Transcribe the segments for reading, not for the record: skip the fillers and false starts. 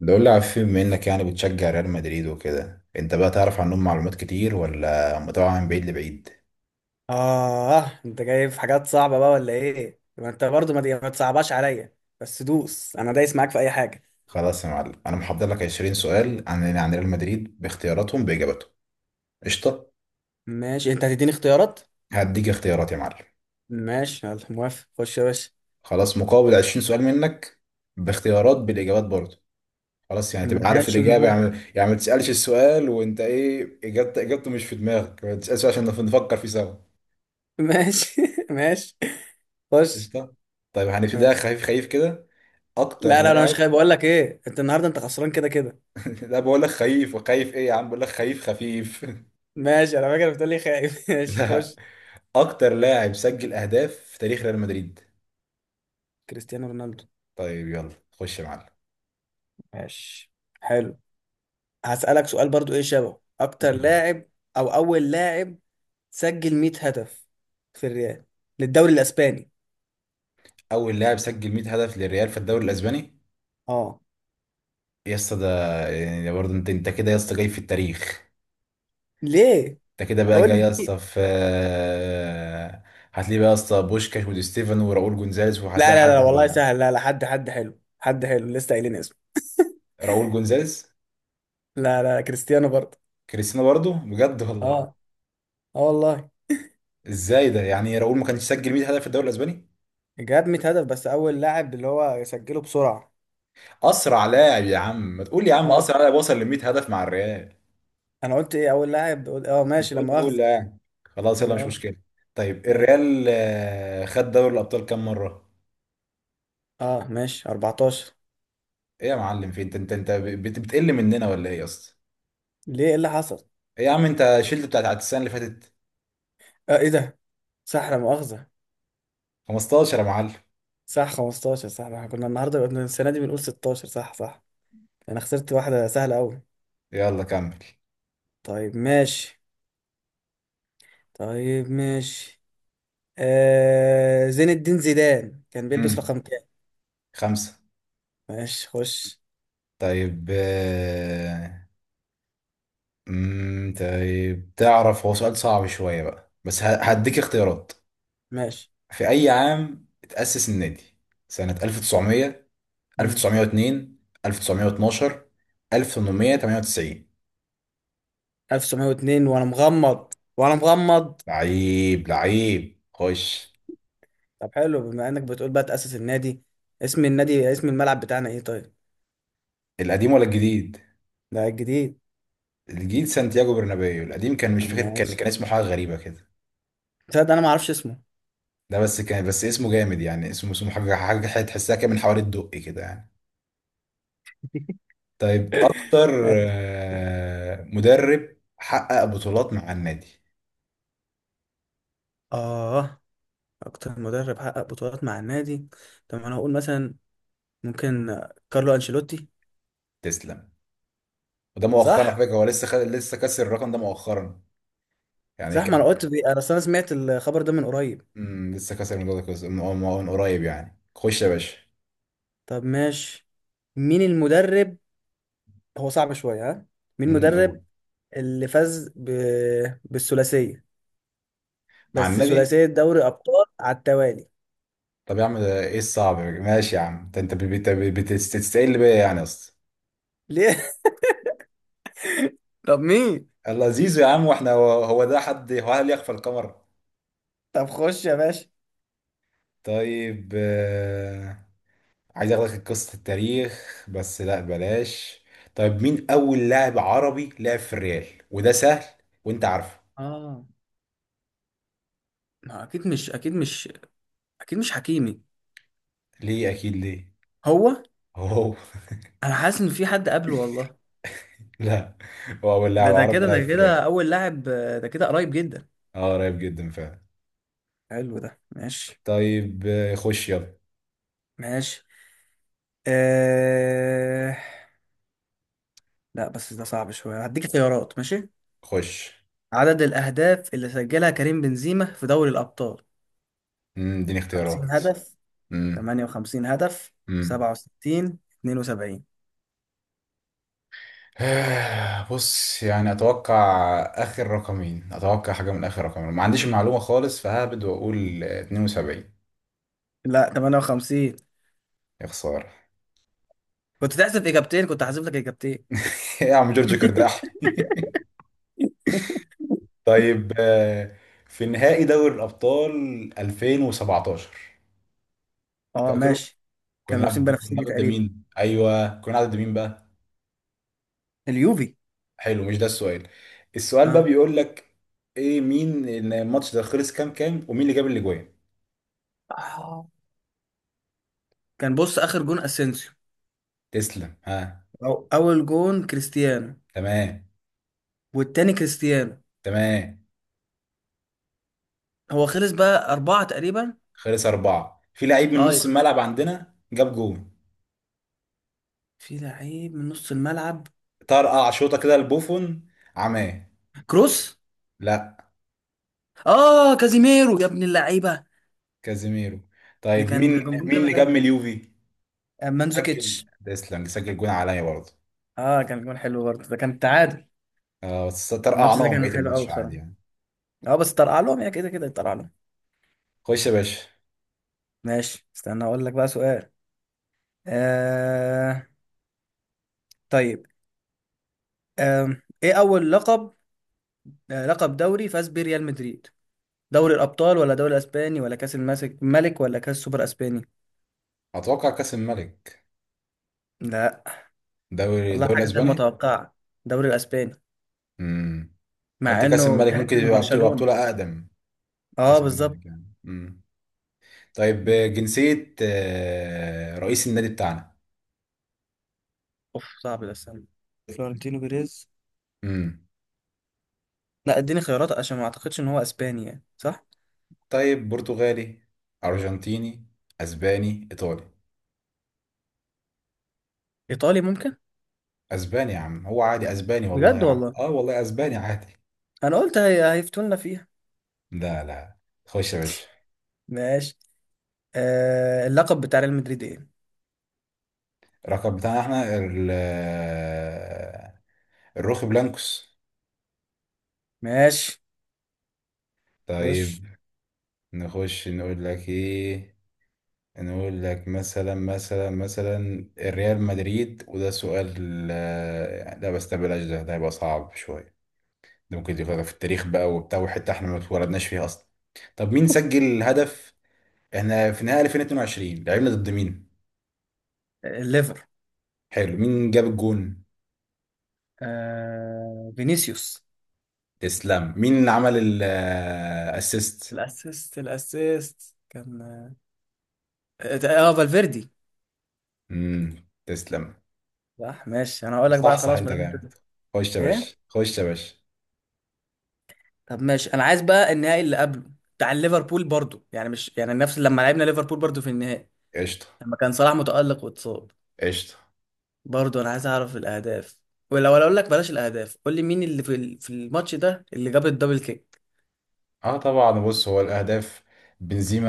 ده قول لي على فيلم، بما انك يعني بتشجع ريال مدريد وكده انت بقى تعرف عنهم معلومات كتير ولا متابعة من بعيد لبعيد؟ آه، أنت جايب حاجات صعبة بقى ولا إيه؟ ما أنت برضو ما تصعبهاش عليا، بس دوس. أنا دايس معاك في أي حاجة. خلاص يا معلم، انا محضر لك 20 سؤال عن ريال مدريد باختياراتهم باجابتهم. قشطة. ماشي، أنت هتديني اختيارات؟ هديك اختيارات يا معلم. ماشي يلا، موافق، خش يا باشا. خلاص مقابل 20 سؤال منك، باختيارات بالاجابات برضه. خلاص يعني تبقى عارف ماشي الاجابة، موافق. يعني ما تسألش السؤال وانت ايه اجابته اجابته مش في دماغك، ما تسألش عشان نفكر فيه سوا. ماشي ماشي. خش. قشطة. طيب هنبتدي ماشي. خفيف خفيف كده. اكتر لا لا، أنا مش لاعب. خايف، بقول لك إيه، أنت النهاردة أنت خسران كده كده. لا بقول لك خيف، وخيف ايه يا عم، بقول لك خيف، خفيف ماشي، أنا فاكر بتقول لي خايف ماشي، لا. خش. اكتر لاعب سجل اهداف في تاريخ ريال مدريد. كريستيانو رونالدو. طيب يلا خش يا معلم. ماشي، حلو. هسألك سؤال برضو، إيه شبهه؟ أكتر مم. لاعب أو أول لاعب سجل 100 هدف في الريال للدوري الاسباني. اول لاعب سجل 100 هدف للريال في الدوري الاسباني. اه. يا اسطى ده، يعني ده برضه انت كده يا اسطى جاي في التاريخ. ليه؟ انت كده بقى قول لي جاي يا اسطى ليه؟ في. هتلاقي بقى يا اسطى بوشكاش ودي ستيفن وراؤول جونزاليز، لا وهتلاقي لا حد لا والله من. سهل، لا لا، حد حد حلو، حد حلو لسه قايلين اسمه. راؤول جونزاليز. لا لا، كريستيانو برضه. كريستيانو برضه؟ بجد اه. والله؟ اه والله. ازاي ده، يعني راؤول ما كانش سجل 100 هدف في الدوري الاسباني؟ جاب 100 هدف، بس اول لاعب اللي هو سجله بسرعه. اسرع لاعب يا عم، ما تقول يا عم اه. اسرع لاعب وصل ل 100 هدف مع الريال. انا قلت ايه؟ اول لاعب، قلت اه، انت ماشي قلت لما اول اخذ. لاعب. خلاص يلا، مش لما اخذ. مشكله. طيب ماشي. الريال خد دوري الابطال كام مره؟ اه ماشي، 14. ايه يا معلم، في انت بتقل مننا ولا ايه يا اسطى؟ ليه، ايه اللي حصل؟ ايه يا عم، انت شلت بتاعت السنه اللي فاتت؟ اه، ايه ده؟ صح، لا مؤاخذة. 15 يا معلم. صح، 15. صح، احنا كنا النهارده السنة دي بنقول 16، صح صح. انا خسرت واحدة سهلة قوي. يلا كمل. طيب ماشي. طيب ماشي. آه، زين الدين زيدان كان بيلبس امم رقم كام؟ خمسه. ماشي، خش. طيب. طيب تعرف، هو سؤال صعب شويه بقى بس مم. هديك اختيارات. ماشي. في اي عام اتأسس النادي؟ سنة 1900، مم. 1902، 1912، 1898. 1902، وانا مغمض وانا مغمض. لعيب لعيب خش. طب حلو، بما انك بتقول بقى تأسس النادي، اسم النادي، اسم الملعب بتاعنا ايه طيب؟ القديم ولا الجديد؟ ده الجديد. الجديد سانتياغو برنابيو، القديم كان مش فاكر، كان ماشي. كان اسمه حاجه غريبه كده. تصدق انا ما اعرفش اسمه. ده بس كان بس اسمه جامد يعني اسمه حاجه حاجه حاجة تحسها كده من حوالي الدقي كده يعني. طيب اكتر مدرب حقق بطولات مع النادي. اه. اكتر مدرب حقق بطولات مع النادي. طب انا هقول مثلا، ممكن كارلو انشيلوتي. تسلم. وده مؤخرا على صح. فكره، هو لسه كسر الرقم ده مؤخرا. يعني صح، ما انا كان. قلت بي... انا أصل انا سمعت الخبر ده من قريب. لسه كسر الموضوع ده من قريب يعني، خش يا باشا. طب ماشي. مين المدرب؟ هو صعب شويه ها. مين المدرب قول. اللي فاز بالثلاثيه، مع بس النبي. ثلاثيه دوري ابطال على التوالي. طب يا عم ده ايه الصعب، ماشي يا عم ده انت بتستقل بيا يعني اصلا. ليه؟ طب مين؟ لذيذ يا عم، واحنا هو ده حد، هو هل يخفى القمر. طب خش يا باشا. طيب. عايز اخدك قصة التاريخ بس لا بلاش. طيب مين اول لاعب عربي لعب في الريال؟ وده سهل وانت عارفه. اه. ما اكيد مش، اكيد مش، اكيد مش حكيمي. ليه اكيد، ليه. هو؟ هو. انا حاسس ان في حد قبله والله. لا. هو اول ده لاعب ده عربي كده لعب ده في كده الريال. اول لاعب، آه، ده كده قريب جدا. اه قريب جدا فعلا. حلو ده، ماشي. طيب خش يلا. ماشي. آه... لا بس ده صعب شوية، هديك خيارات، ماشي. خش. عدد الأهداف اللي سجلها كريم بنزيما في دوري الأبطال. اديني 50 اختيارات. هدف، مم. 58 هدف، مم. 67، 72. بص يعني اتوقع. اخر رقمين اتوقع حاجه من اخر رقمين، ما عنديش معلومه خالص، فهبد واقول 72. لا، 58. يا خساره. كنت تحذف إجابتين، كنت هحذف لك إجابتين. يا عم جورج كرداح. طيب. في نهائي دوري الابطال 2017. أه فاكره. ماشي. كنا كانوا بنلعب لابسين ضد كنا بنفسجي بنلعب ضد تقريبا، مين، ايوه كنا بنلعب ضد مين بقى. اليوفي. حلو مش ده السؤال. السؤال بقى ها. بيقول لك ايه، مين الماتش ده خلص كام كام، ومين اللي جاب الاجوان. آه. كان، بص، آخر جون أسينسيو. تسلم، ها. أو أول جون كريستيانو. تمام. والتاني كريستيانو. تمام. هو خلص بقى أربعة تقريبا. خلص أربعة، في لعيب من أه نص يبقى في، الملعب عندنا جاب جون. في لعيب من نص الملعب. طرقع شوطة كده لبوفون. عماه. كروس. لا، اه، كازيميرو يا ابن اللعيبه. كازيميرو. ده طيب كان مين ده كان جون مين اللي جامد جاب قوي. من اليوفي؟ سجل مانزوكيتش. ديسلانج، سجل جون عليا برضه. اه كان جون حلو برضه، ده كان تعادل. اه بس الماتش ده طرقعناهم كان بقية حلو قوي الماتش عادي بصراحه. يعني. اه بس طرقع لهم يا، كده كده طرقع لهم. خش يا باشا. ماشي، استنى اقول لك بقى سؤال. آه. طيب. آه. ايه اول لقب، آه لقب دوري فاز بيه ريال مدريد؟ دوري الابطال ولا دوري الاسباني ولا كاس الماسك ملك ولا كاس سوبر اسباني؟ أتوقع كأس الملك. لا. دوري والله الدوري حاجه غير الأسباني. متوقعه. دوري الاسباني؟ امم. قلت مع كأس انه الملك تحس ممكن انه يبقى بطولة يبقى برشلونه. بطولة أقدم. اه كأس بالظبط. الملك يعني. طيب جنسية رئيس النادي بتاعنا. اوف صعب ده، استنى. فلورنتينو بيريز. امم. لا اديني خيارات عشان ما اعتقدش ان هو اسباني يعني، صح؟ طيب برتغالي، أرجنتيني، أسباني، إيطالي. ايطالي ممكن. أسباني يا عم، هو عادي أسباني والله يا بجد عم، والله؟ آه والله أسباني عادي. انا قلت هيفتونا فيها. لا، لا. خش يا باشا. ماشي. آه... اللقب بتاع ريال مدريد ايه؟ الرقم بتاعنا احنا ال. الروخ بلانكوس. ماشي، خش. طيب. نخش نقول لك ايه. نقول لك مثلا الريال مدريد وده سؤال. لا بس ده بلاش، ده هيبقى صعب شوية. ده ممكن يكون في التاريخ بقى وبتاع وحتة احنا ما اتولدناش فيها أصلا. طب مين سجل هدف؟ احنا في نهائي 2022 لعبنا ضد مين؟ آه، الليفر. حلو، مين جاب الجون؟ آه... فينيسيوس. تسلم، مين اللي عمل الاسيست؟ الاسيست، الاسيست كان، اه، آه، فالفيردي. امم. تسلم. صح ماشي، انا هقول لك بقى صح، صح، خلاص ما انت دام جامد. انت. خش يا ايه؟ باشا، خش يا باشا. طب ماشي، انا عايز بقى النهائي اللي قبله، بتاع ليفربول برضو، يعني مش يعني نفس، لما لعبنا ليفربول برضو في النهائي، قشطة. لما كان صلاح متألق واتصاب. قشطة. برضه انا عايز اعرف الاهداف، ولو انا اقول لك بلاش الاهداف، قول لي مين اللي في في الماتش ده اللي جاب الدبل كيك. اه طبعا، بص هو الاهداف. بنزيما.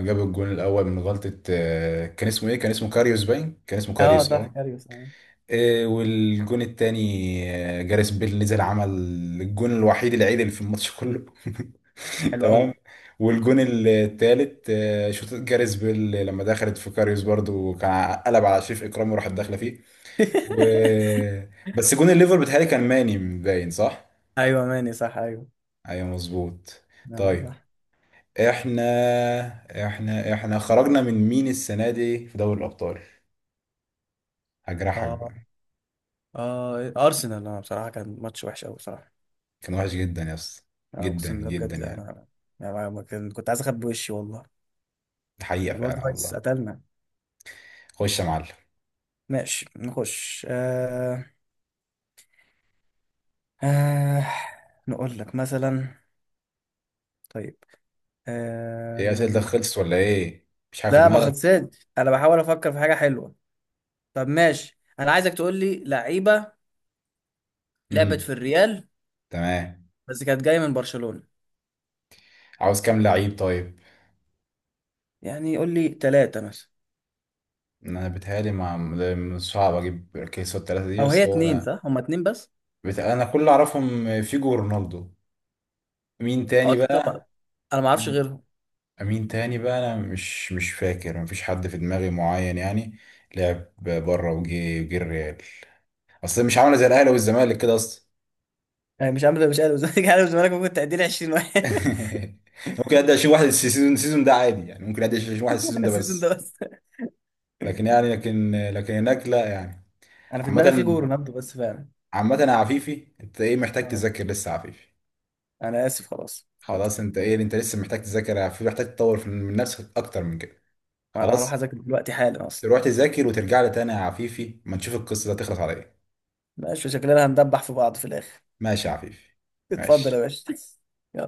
جاب الجون الاول من غلطة، كان اسمه ايه؟ كان اسمه كاريوس باين؟ كان اسمه اه كاريوس صح اه. كاريوس اه. إيه، والجون التاني جاريس بيل نزل عمل الجون الوحيد العدل في الماتش كله. حلو قوي. تمام. والجون التالت شوط جاريس بيل لما دخلت في كاريوس برضو، كان قلب على شريف اكرامي وراحت داخله فيه. و... بس جون الليفر بتهيألي كان ماني باين صح؟ ايوه ماني صح ايوه. ايوه مظبوط. نعم، طيب. صح. احنا احنا خرجنا من مين السنه دي في دوري الابطال؟ هجرحك اه. بقى. اه ارسنال، انا بصراحه كان ماتش وحش قوي بصراحه. كان وحش جدا يا اسطى. انا جدا اقسم بالله جدا بجد يعني. انا، يعني ما كان- كنت عايز اخبي وشي والله. حقيقة الواد فعلا رايس والله. قتلنا. خش يا معلم. ماشي، نخش. آه... آه... نقول لك مثلا. طيب. آه... ايه اسئلتك خلصت ولا ايه؟ مش عارف لا ما دماغك. خلصتش، انا بحاول افكر في حاجه حلوه. طب ماشي، انا عايزك تقول لي لعيبه لعبت امم. في الريال، تمام. بس كانت جايه من برشلونه. عاوز كام لعيب طيب. يعني قول لي ثلاثه مثلا. انا بتهيألي ما صعب اجيب كيس الثلاثة دي او هي بس هو اتنين انا. صح، هما اتنين بس. انا كل اللي اعرفهم فيجو ورونالدو. مين او تاني ثلاثه بقى. بقى. انا ما اعرفش غيرهم. مين تاني بقى، انا مش فاكر، مفيش حد في دماغي معين يعني. لعب بره وجي الريال. اصل مش عامله زي الاهلي والزمالك كده اصلا. يعني مش عامل الزمالك، عامل الزمالك. ممكن تعدي لي 20 واحد. ممكن ادي اشيل واحد السيزون ده عادي يعني، ممكن ادي اشيل واحد السيزون ده السيزون ده بس. بس. لكن يعني لكن هناك لا يعني. انا في عامة. دماغي في جو رونالدو بس فعلا. عامة يا عفيفي، انت ايه محتاج اه. تذاكر لسه يا عفيفي؟ انا اسف خلاص حاضر. خلاص انت ايه، انت لسه محتاج تذاكر يا عفيفي، محتاج تطور من نفسك اكتر من كده. انا هروح خلاص. اذاكر دلوقتي حالا اصلا. تروح تذاكر وترجع لي تاني يا عفيفي، ما تشوف القصة دي هتخلص على ايه. ماشي، شكلنا هندبح في بعض في الاخر. ماشي يا عفيفي. اتفضل يا ماشي باشا. يلا.